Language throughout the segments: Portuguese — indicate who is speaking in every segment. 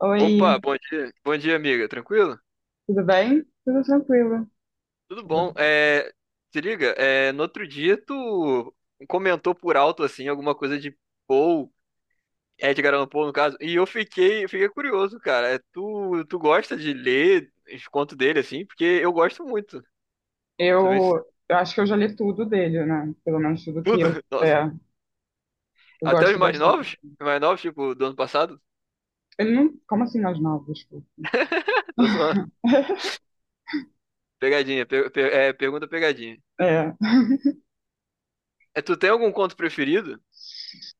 Speaker 1: Oi,
Speaker 2: Opa, bom dia. Bom dia, amiga. Tranquilo?
Speaker 1: tudo bem? Tudo tranquilo.
Speaker 2: Tudo bom. Se liga, no outro dia tu comentou por alto, assim, alguma coisa de Poe, Edgar Allan Poe, no caso, e eu fiquei curioso, cara. Tu gosta de ler os contos dele, assim? Porque eu gosto muito. Você vê
Speaker 1: Eu acho que eu já li tudo dele, né? Pelo menos tudo que
Speaker 2: tudo? Nossa.
Speaker 1: eu
Speaker 2: Até os
Speaker 1: gosto
Speaker 2: mais
Speaker 1: bastante.
Speaker 2: novos? Os mais novos, tipo, do ano passado?
Speaker 1: Ele não. Como assim as novas? Desculpa.
Speaker 2: Tô zoando. Pegadinha. Pergunta pegadinha.
Speaker 1: É,
Speaker 2: Tu tem algum conto preferido?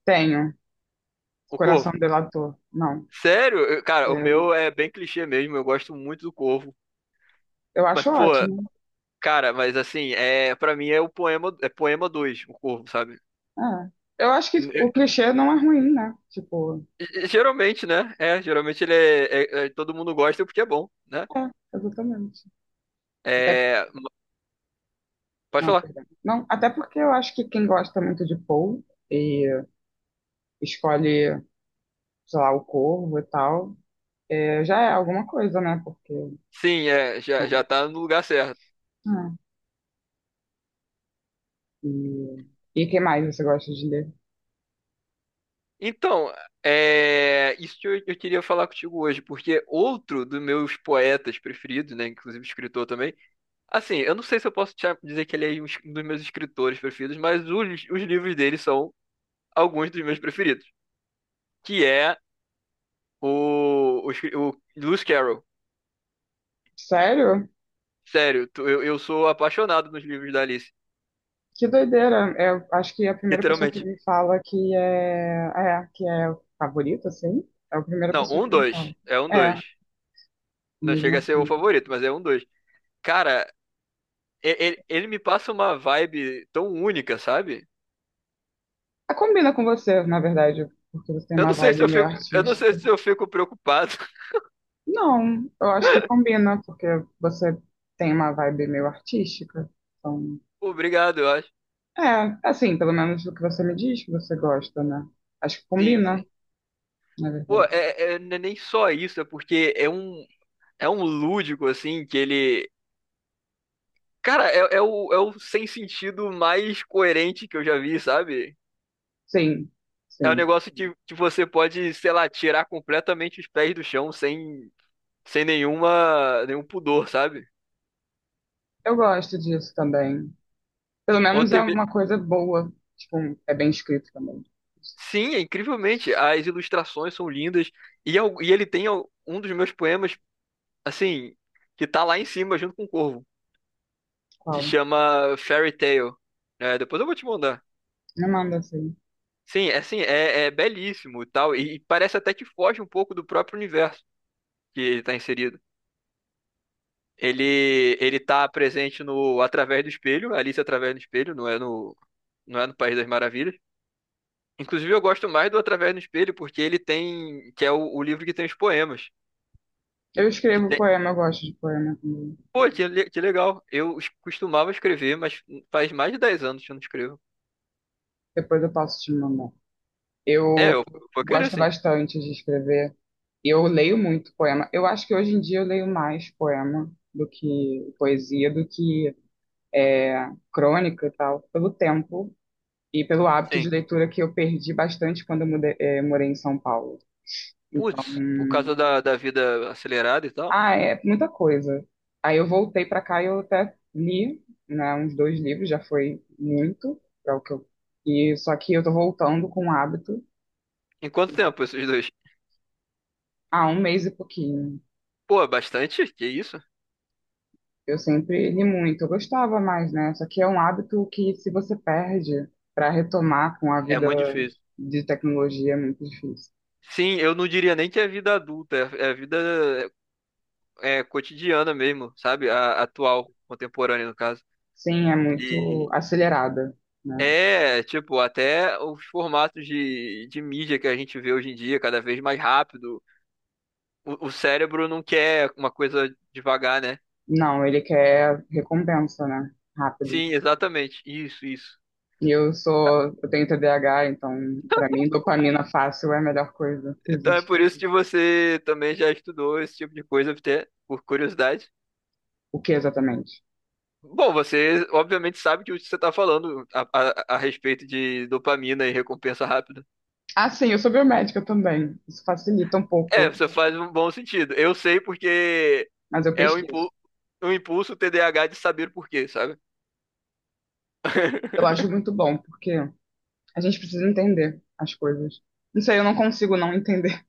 Speaker 1: tenho.
Speaker 2: O
Speaker 1: Coração
Speaker 2: Corvo?
Speaker 1: Delator. Não.
Speaker 2: Sério? Cara, o
Speaker 1: É,
Speaker 2: meu é bem clichê mesmo, eu gosto muito do Corvo.
Speaker 1: eu
Speaker 2: Mas,
Speaker 1: acho
Speaker 2: pô,
Speaker 1: ótimo.
Speaker 2: cara, mas assim, para mim é o poema, é poema 2, o Corvo, sabe?
Speaker 1: É. Eu acho que
Speaker 2: É,
Speaker 1: o clichê não é ruim, né? Tipo,
Speaker 2: Geralmente né? Geralmente ele é, todo mundo gosta porque é bom, né?
Speaker 1: é, exatamente. Até,
Speaker 2: É, pode
Speaker 1: não,
Speaker 2: falar.
Speaker 1: perdão. Não, até porque eu acho que quem gosta muito de Paul e escolhe, sei lá, o Corvo e tal, já é alguma coisa, né? Porque.
Speaker 2: Sim, já
Speaker 1: Então,
Speaker 2: tá no lugar certo.
Speaker 1: é. E, e que mais você gosta de ler?
Speaker 2: Então, isso que eu queria falar contigo hoje, porque outro dos meus poetas preferidos, né, inclusive escritor também. Assim, eu não sei se eu posso te dizer que ele é um dos meus escritores preferidos, mas os livros dele são alguns dos meus preferidos. Que é o Lewis Carroll.
Speaker 1: Sério?
Speaker 2: Sério, eu sou apaixonado nos livros da Alice.
Speaker 1: Que doideira! Eu acho que a primeira pessoa que
Speaker 2: Literalmente.
Speaker 1: me fala que é que é o favorito, assim, é a primeira
Speaker 2: Não,
Speaker 1: pessoa
Speaker 2: um,
Speaker 1: que me
Speaker 2: dois.
Speaker 1: fala.
Speaker 2: É um,
Speaker 1: É,
Speaker 2: dois. Não
Speaker 1: mesmo
Speaker 2: chega a ser o
Speaker 1: assim.
Speaker 2: favorito, mas é um, dois. Cara, ele me passa uma vibe tão única, sabe?
Speaker 1: Ah, combina com você, na verdade, porque você tem
Speaker 2: Eu
Speaker 1: uma
Speaker 2: não sei se
Speaker 1: vibe
Speaker 2: eu
Speaker 1: meio
Speaker 2: fico, eu não sei
Speaker 1: artística.
Speaker 2: se eu fico preocupado.
Speaker 1: Não, eu acho que combina, porque você tem uma vibe meio artística. Então,
Speaker 2: Obrigado, eu acho.
Speaker 1: Assim, pelo menos o que você me diz que você gosta, né? Acho que
Speaker 2: Sim,
Speaker 1: combina,
Speaker 2: sim.
Speaker 1: na
Speaker 2: Pô,
Speaker 1: verdade.
Speaker 2: não é nem só isso, é porque é um lúdico, assim, que ele. Cara, é o sem sentido mais coerente que eu já vi, sabe?
Speaker 1: Sim,
Speaker 2: É um
Speaker 1: sim.
Speaker 2: negócio que você pode, sei lá, tirar completamente os pés do chão sem nenhum pudor, sabe?
Speaker 1: Eu gosto disso também. Pelo menos é
Speaker 2: Ontem.
Speaker 1: uma coisa boa. Tipo, é bem escrito também.
Speaker 2: Sim, é incrivelmente. As ilustrações são lindas. E, e ele tem um dos meus poemas, assim, que tá lá em cima junto com o Corvo, que
Speaker 1: Qual?
Speaker 2: chama Fairy Tale. Depois eu vou te mandar.
Speaker 1: Me manda assim.
Speaker 2: Sim, é assim, é belíssimo e tal, e parece até que foge um pouco do próprio universo que ele está inserido. Ele tá presente no Através do Espelho, Alice através do Espelho, não é no País das Maravilhas. Inclusive eu gosto mais do Através do Espelho porque ele tem que é o livro que tem os poemas e
Speaker 1: Eu
Speaker 2: que
Speaker 1: escrevo
Speaker 2: tem.
Speaker 1: poema, eu gosto de poema também.
Speaker 2: Pô, que legal. Eu costumava escrever, mas faz mais de 10 anos que eu não escrevo.
Speaker 1: Depois eu posso te mandar.
Speaker 2: É,
Speaker 1: Eu
Speaker 2: eu vou querer
Speaker 1: gosto
Speaker 2: sim.
Speaker 1: bastante de escrever. Eu leio muito poema. Eu acho que hoje em dia eu leio mais poema do que poesia, do que crônica e tal, pelo tempo e pelo hábito
Speaker 2: Sim.
Speaker 1: de leitura que eu perdi bastante quando morei em São Paulo. Então,
Speaker 2: Putz, por causa da vida acelerada e tal.
Speaker 1: ah, é muita coisa. Aí eu voltei para cá e eu até li, né, uns dois livros, já foi muito para o que eu. E só que eu tô voltando com o hábito
Speaker 2: Em quanto tempo esses dois?
Speaker 1: há um mês e pouquinho.
Speaker 2: Pô, é bastante? Que isso?
Speaker 1: Eu sempre li muito, eu gostava mais, né? Só que é um hábito que se você perde para retomar com a
Speaker 2: É
Speaker 1: vida
Speaker 2: muito difícil.
Speaker 1: de tecnologia é muito difícil.
Speaker 2: Sim, eu não diria nem que é vida adulta, é vida é cotidiana mesmo, sabe? Atual, contemporânea, no caso.
Speaker 1: Sim, é muito
Speaker 2: E
Speaker 1: acelerada, né?
Speaker 2: é, tipo, até os formatos de mídia que a gente vê hoje em dia, cada vez mais rápido. O cérebro não quer uma coisa devagar, né?
Speaker 1: Não, ele quer recompensa, né? Rápido.
Speaker 2: Sim, exatamente. Isso, isso.
Speaker 1: E eu tenho TDAH, então pra mim dopamina fácil é a melhor coisa que
Speaker 2: Então é
Speaker 1: existe.
Speaker 2: por isso que você também já estudou esse tipo de coisa, até por curiosidade.
Speaker 1: O que exatamente?
Speaker 2: Bom, você obviamente sabe que o que você está falando a respeito de dopamina e recompensa rápida.
Speaker 1: Ah, sim, eu sou biomédica também. Isso facilita um
Speaker 2: É,
Speaker 1: pouco,
Speaker 2: você faz um bom sentido. Eu sei porque
Speaker 1: mas eu
Speaker 2: é um
Speaker 1: pesquiso.
Speaker 2: impulso, um impulso TDAH de saber por quê, sabe?
Speaker 1: Eu acho muito bom, porque a gente precisa entender as coisas. Não sei, eu não consigo não entender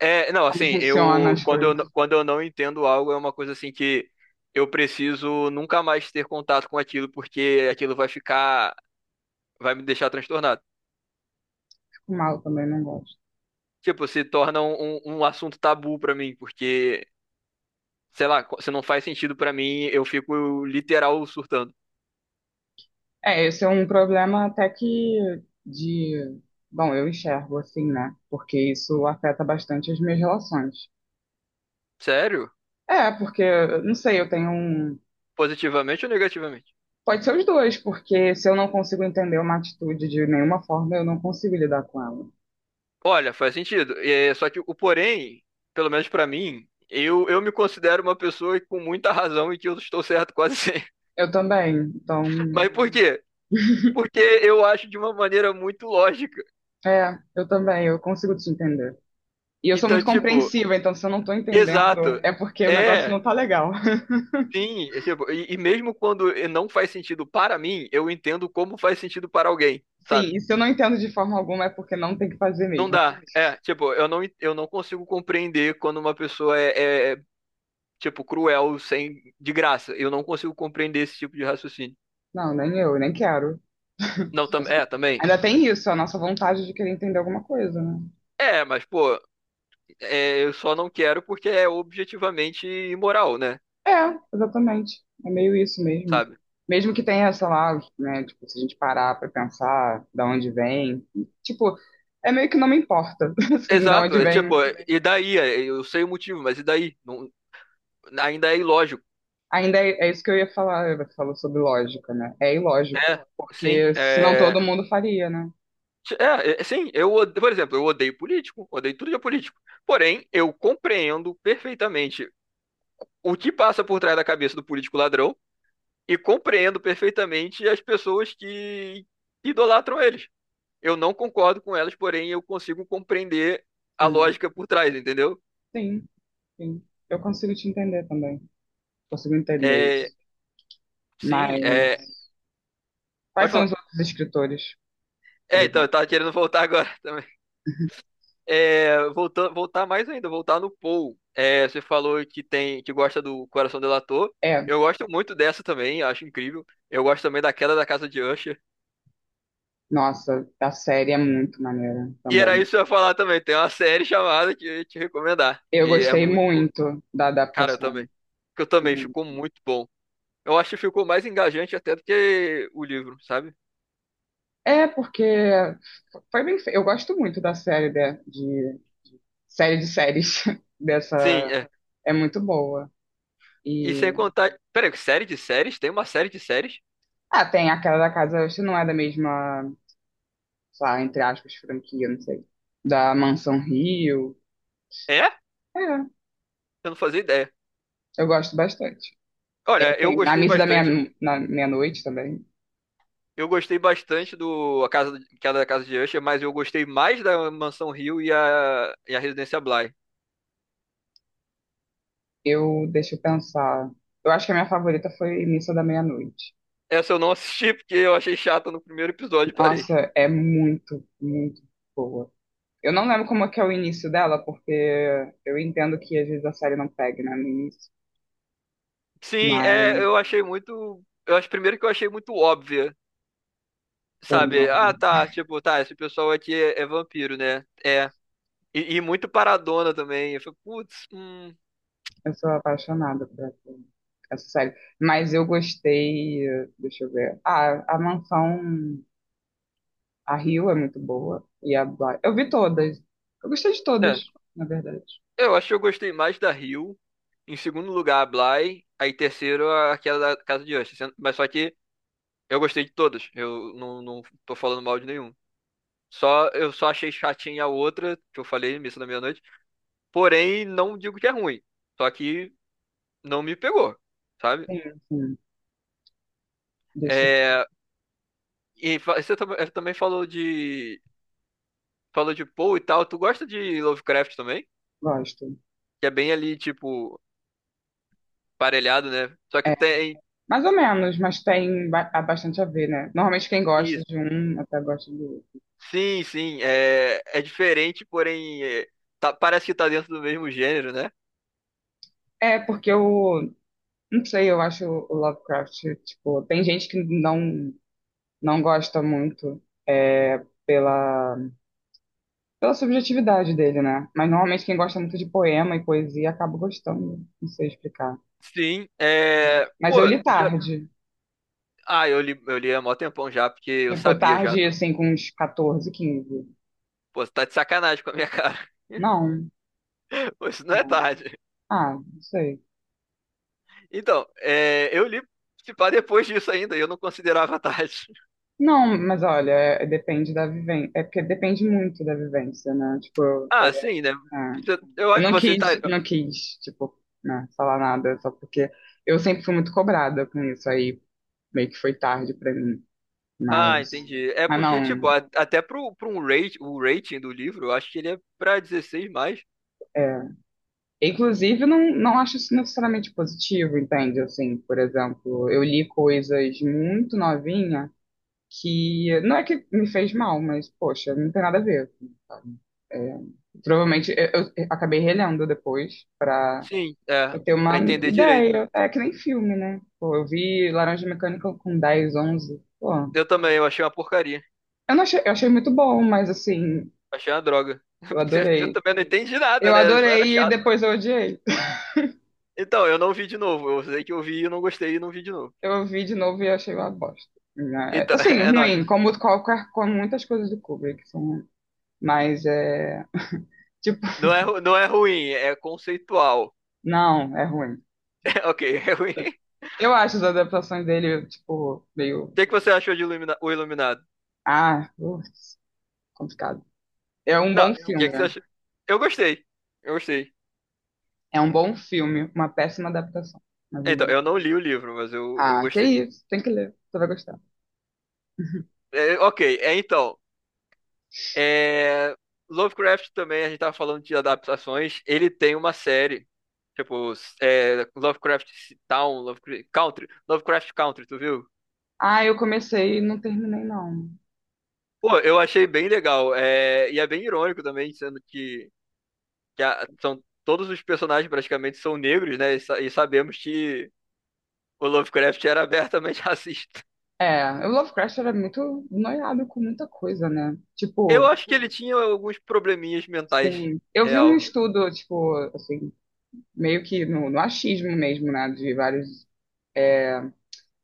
Speaker 2: É, não,
Speaker 1: como
Speaker 2: assim,
Speaker 1: funcionam
Speaker 2: eu
Speaker 1: as coisas.
Speaker 2: quando eu não entendo algo é uma coisa assim que eu preciso nunca mais ter contato com aquilo porque aquilo vai ficar, vai me deixar transtornado.
Speaker 1: Fico mal também, não gosto.
Speaker 2: Tipo, se torna um, um assunto tabu pra mim, porque sei lá, se não faz sentido pra mim, eu fico literal surtando.
Speaker 1: É, esse é um problema até que de, bom, eu enxergo assim, né? Porque isso afeta bastante as minhas relações.
Speaker 2: Sério?
Speaker 1: É, porque, não sei, eu tenho um.
Speaker 2: Positivamente ou negativamente?
Speaker 1: Pode ser os dois, porque se eu não consigo entender uma atitude de nenhuma forma, eu não consigo lidar com ela.
Speaker 2: Olha, faz sentido. Só que o porém, pelo menos pra mim, eu me considero uma pessoa com muita razão e que eu estou certo quase sempre.
Speaker 1: Eu também, então,
Speaker 2: Mas por quê? Porque eu acho de uma maneira muito lógica.
Speaker 1: eu também, eu consigo te entender. E eu sou
Speaker 2: Então,
Speaker 1: muito
Speaker 2: tipo,
Speaker 1: compreensiva, então se eu não tô entendendo,
Speaker 2: exato, né?
Speaker 1: é porque o negócio
Speaker 2: É,
Speaker 1: não tá legal.
Speaker 2: sim. E mesmo quando não faz sentido para mim, eu entendo como faz sentido para alguém, sabe?
Speaker 1: Sim, e se eu não entendo de forma alguma, é porque não tem que fazer
Speaker 2: Não
Speaker 1: mesmo.
Speaker 2: dá. Tipo, eu não consigo compreender quando uma pessoa tipo, cruel sem, de graça. Eu não consigo compreender esse tipo de raciocínio.
Speaker 1: Não, nem eu, nem quero.
Speaker 2: Não,
Speaker 1: Assim,
Speaker 2: também.
Speaker 1: ainda tem isso, a nossa vontade de querer entender alguma coisa, né?
Speaker 2: Mas, pô, eu só não quero porque é objetivamente imoral, né?
Speaker 1: É, exatamente. É meio isso mesmo.
Speaker 2: Sabe?
Speaker 1: Mesmo que tenha, sei lá, né, tipo, se a gente parar pra pensar da onde vem, tipo, é meio que não me importa, assim, da
Speaker 2: Exato,
Speaker 1: onde vem.
Speaker 2: também, e daí? Eu sei o motivo, mas e daí? Não, ainda é ilógico.
Speaker 1: Ainda é isso que eu ia falar, você falou sobre lógica, né? É ilógico,
Speaker 2: É, sim,
Speaker 1: porque senão
Speaker 2: é,
Speaker 1: todo mundo faria, né?
Speaker 2: sim, por exemplo, eu odeio político, odeio tudo de político. Porém, eu compreendo perfeitamente o que passa por trás da cabeça do político ladrão e compreendo perfeitamente as pessoas que idolatram eles. Eu não concordo com elas, porém eu consigo compreender a
Speaker 1: Sim,
Speaker 2: lógica por trás, entendeu?
Speaker 1: sim, sim. Eu consigo te entender também, consigo entender
Speaker 2: É,
Speaker 1: isso.
Speaker 2: sim,
Speaker 1: Mas
Speaker 2: é, Pode
Speaker 1: quais são
Speaker 2: falar.
Speaker 1: os outros escritores, por
Speaker 2: Então, eu
Speaker 1: exemplo?
Speaker 2: tava querendo voltar agora também. Voltar, voltar mais ainda, voltar no Paul. Você falou que gosta do Coração Delator.
Speaker 1: É,
Speaker 2: Eu gosto muito dessa também, acho incrível. Eu gosto também da Queda da Casa de Usher.
Speaker 1: nossa, a série é muito maneira
Speaker 2: E era
Speaker 1: também.
Speaker 2: isso que eu ia falar também. Tem uma série chamada que eu ia te recomendar.
Speaker 1: Eu
Speaker 2: Que é
Speaker 1: gostei
Speaker 2: muito boa.
Speaker 1: muito da
Speaker 2: Cara, eu
Speaker 1: adaptação.
Speaker 2: também. Que eu também.
Speaker 1: Muito.
Speaker 2: Ficou muito bom. Eu acho que ficou mais engajante até do que o livro, sabe?
Speaker 1: É, porque foi bem feito. Eu gosto muito da série de séries dessa.
Speaker 2: Sim, é.
Speaker 1: É muito boa.
Speaker 2: E sem
Speaker 1: E
Speaker 2: contar. Peraí, série de séries? Tem uma série de séries?
Speaker 1: ah, tem aquela da casa, se não é da mesma, sei lá, entre aspas, franquia, não sei. Da Mansão Rio.
Speaker 2: É?
Speaker 1: É,
Speaker 2: Eu não fazia ideia.
Speaker 1: eu gosto bastante. É,
Speaker 2: Olha, eu
Speaker 1: tem A
Speaker 2: gostei
Speaker 1: Missa da
Speaker 2: bastante.
Speaker 1: Na Meia-Noite também.
Speaker 2: Eu gostei bastante do A Casa, Queda da Casa de Usher, mas eu gostei mais da Mansão Rio e a Residência Bly.
Speaker 1: Deixa eu pensar. Eu acho que a minha favorita foi Missa da Meia-Noite.
Speaker 2: Essa eu não assisti porque eu achei chata no primeiro episódio, e parei.
Speaker 1: Nossa, é muito, muito boa. Eu não lembro como é que é o início dela, porque eu entendo que às vezes a série não pega, né, no início.
Speaker 2: Sim,
Speaker 1: Mas,
Speaker 2: eu achei muito. Eu acho primeiro que eu achei muito óbvia,
Speaker 1: pô,
Speaker 2: sabe? Ah,
Speaker 1: não.
Speaker 2: tá, tipo, tá, esse pessoal aqui é vampiro, né? É. E muito paradona também. Eu falei, putz.
Speaker 1: Eu sou apaixonada por essa série. Mas eu gostei, deixa eu ver. Ah, a Mansão, a Rio é muito boa. E a Bly. Eu vi todas. Eu gostei de todas,
Speaker 2: É.
Speaker 1: na verdade.
Speaker 2: Eu acho que eu gostei mais da Rio. Em segundo lugar, a Bly. Aí terceiro, aquela da Casa de Usher. Mas só que eu gostei de todas. Eu não tô falando mal de nenhum. Eu só achei chatinha a outra, que eu falei, Missa da Meia-Noite. Porém, não digo que é ruim. Só que não me pegou, sabe?
Speaker 1: Sim, sim. Deixa eu.
Speaker 2: É, você também falou de Poe e tal. Tu gosta de Lovecraft também?
Speaker 1: Gosto.
Speaker 2: Que é bem ali, tipo, parelhado, né? Só que
Speaker 1: É,
Speaker 2: tem
Speaker 1: mais ou menos, mas tem bastante a ver, né? Normalmente quem gosta
Speaker 2: isso.
Speaker 1: de um até gosta do outro.
Speaker 2: Sim, sim, é diferente, porém é, parece que tá dentro do mesmo gênero, né?
Speaker 1: É, porque eu não sei, eu acho o Lovecraft, tipo, tem gente que não gosta muito, é, pela, pela subjetividade dele, né? Mas normalmente quem gosta muito de poema e poesia acaba gostando, não sei explicar.
Speaker 2: Sim,
Speaker 1: Mas
Speaker 2: pô,
Speaker 1: eu li
Speaker 2: já-
Speaker 1: tarde,
Speaker 2: eu li há mó tempão já, porque eu
Speaker 1: tipo,
Speaker 2: sabia já
Speaker 1: tarde,
Speaker 2: do.
Speaker 1: assim, com uns 14 15.
Speaker 2: Pô, você tá de sacanagem com a minha cara.
Speaker 1: Não,
Speaker 2: Pô, isso não é
Speaker 1: não.
Speaker 2: tarde.
Speaker 1: Ah, não sei.
Speaker 2: Então, eu li se pá depois disso ainda, e eu não considerava tarde.
Speaker 1: Não, mas olha, depende da vivência. É porque depende muito da vivência, né? Tipo,
Speaker 2: Ah, sim, né?
Speaker 1: é.
Speaker 2: Eu,
Speaker 1: eu não
Speaker 2: você tá.
Speaker 1: quis, tipo, né, falar nada, só porque eu sempre fui muito cobrada com isso, aí meio que foi tarde pra mim.
Speaker 2: Ah,
Speaker 1: Mas,
Speaker 2: entendi. É
Speaker 1: mas
Speaker 2: porque, tipo,
Speaker 1: não.
Speaker 2: até pro um rate, o rating do livro, eu acho que ele é pra 16 mais.
Speaker 1: É. Inclusive, não, não acho isso necessariamente positivo, entende? Assim, por exemplo, eu li coisas muito novinha, que não é que me fez mal, mas poxa, não tem nada a ver, assim, sabe? É, provavelmente eu acabei relendo depois pra
Speaker 2: Sim, é.
Speaker 1: eu ter
Speaker 2: Pra
Speaker 1: uma
Speaker 2: entender direito, né?
Speaker 1: ideia. É que nem filme, né? Pô, eu vi Laranja Mecânica com 10, 11. Pô,
Speaker 2: Eu também, eu achei uma porcaria.
Speaker 1: eu não achei, eu achei muito bom, mas assim,
Speaker 2: Achei uma droga.
Speaker 1: eu
Speaker 2: Eu
Speaker 1: adorei.
Speaker 2: também não entendi nada,
Speaker 1: Eu
Speaker 2: né? Só era
Speaker 1: adorei e
Speaker 2: chato.
Speaker 1: depois eu odiei.
Speaker 2: Então, eu não vi de novo. Eu sei que eu vi e não gostei e não vi de novo.
Speaker 1: Eu vi de novo e achei uma bosta, né?
Speaker 2: Então,
Speaker 1: Assim,
Speaker 2: é
Speaker 1: ruim,
Speaker 2: nóis.
Speaker 1: como qualquer, como muitas coisas do Kubrick são, ruins. Mas é tipo,
Speaker 2: Não é ruim, é conceitual.
Speaker 1: não, é ruim.
Speaker 2: Ok, é ruim. O
Speaker 1: Eu acho as adaptações dele, tipo, meio.
Speaker 2: que é que você achou de O Iluminado?
Speaker 1: Ah, ups, complicado. É um
Speaker 2: Não,
Speaker 1: bom
Speaker 2: o que é
Speaker 1: filme.
Speaker 2: que você achou? Eu gostei. Eu gostei.
Speaker 1: É um bom filme. Uma péssima adaptação. Mas um
Speaker 2: Então,
Speaker 1: bom.
Speaker 2: eu não li o livro, mas eu
Speaker 1: Ah, que
Speaker 2: gostei.
Speaker 1: isso. Tem que ler. Você vai gostar.
Speaker 2: É, ok, é, então. é, Lovecraft também, a gente tava falando de adaptações. Ele tem uma série. Tipo, Lovecraft Town, Lovecraft Country. Lovecraft Country, tu viu?
Speaker 1: Ah, eu comecei e não terminei, não.
Speaker 2: Pô, eu achei bem legal. E é bem irônico também, sendo que todos os personagens praticamente são negros, né? E, e sabemos que o Lovecraft era abertamente racista.
Speaker 1: É, o Lovecraft era muito noiado com muita coisa, né?
Speaker 2: Eu
Speaker 1: Tipo,
Speaker 2: acho que ele tinha alguns probleminhas mentais,
Speaker 1: sim. Eu vi um
Speaker 2: real.
Speaker 1: estudo, tipo, assim, meio que no achismo mesmo, né? De vários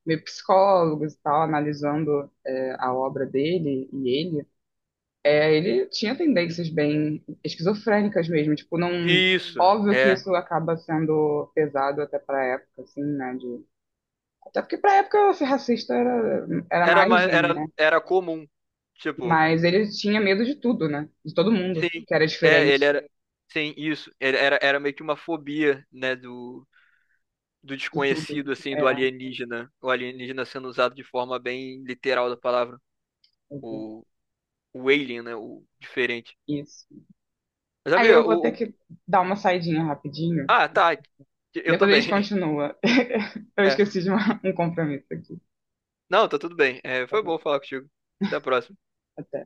Speaker 1: meio psicólogos e tal, analisando, a obra dele e ele. É, ele tinha tendências bem esquizofrênicas mesmo, tipo, não.
Speaker 2: Isso,
Speaker 1: Óbvio que
Speaker 2: é.
Speaker 1: isso acaba sendo pesado até pra época, assim, né? De... Até porque pra época ser racista era
Speaker 2: Era, ma-
Speaker 1: mais um,
Speaker 2: era,
Speaker 1: né?
Speaker 2: era comum. Tipo,
Speaker 1: Mas ele tinha medo de tudo, né? De todo mundo,
Speaker 2: sim,
Speaker 1: que era
Speaker 2: ele
Speaker 1: diferente
Speaker 2: era. Sim, isso. Ele era meio que uma fobia, né, do
Speaker 1: de tudo.
Speaker 2: desconhecido, assim,
Speaker 1: É,
Speaker 2: do alienígena. O alienígena sendo usado de forma bem literal da palavra.
Speaker 1: exato,
Speaker 2: O, o alien, né, o diferente.
Speaker 1: isso.
Speaker 2: Mas,
Speaker 1: Aí
Speaker 2: amiga.
Speaker 1: eu vou ter que dar uma saidinha rapidinho.
Speaker 2: Ah, tá. Eu
Speaker 1: Depois a gente
Speaker 2: também.
Speaker 1: continua. Eu
Speaker 2: É.
Speaker 1: esqueci de um compromisso aqui.
Speaker 2: Não, tá tudo bem. É,
Speaker 1: Tá
Speaker 2: foi
Speaker 1: bom.
Speaker 2: bom falar contigo. Até a próxima.
Speaker 1: Até.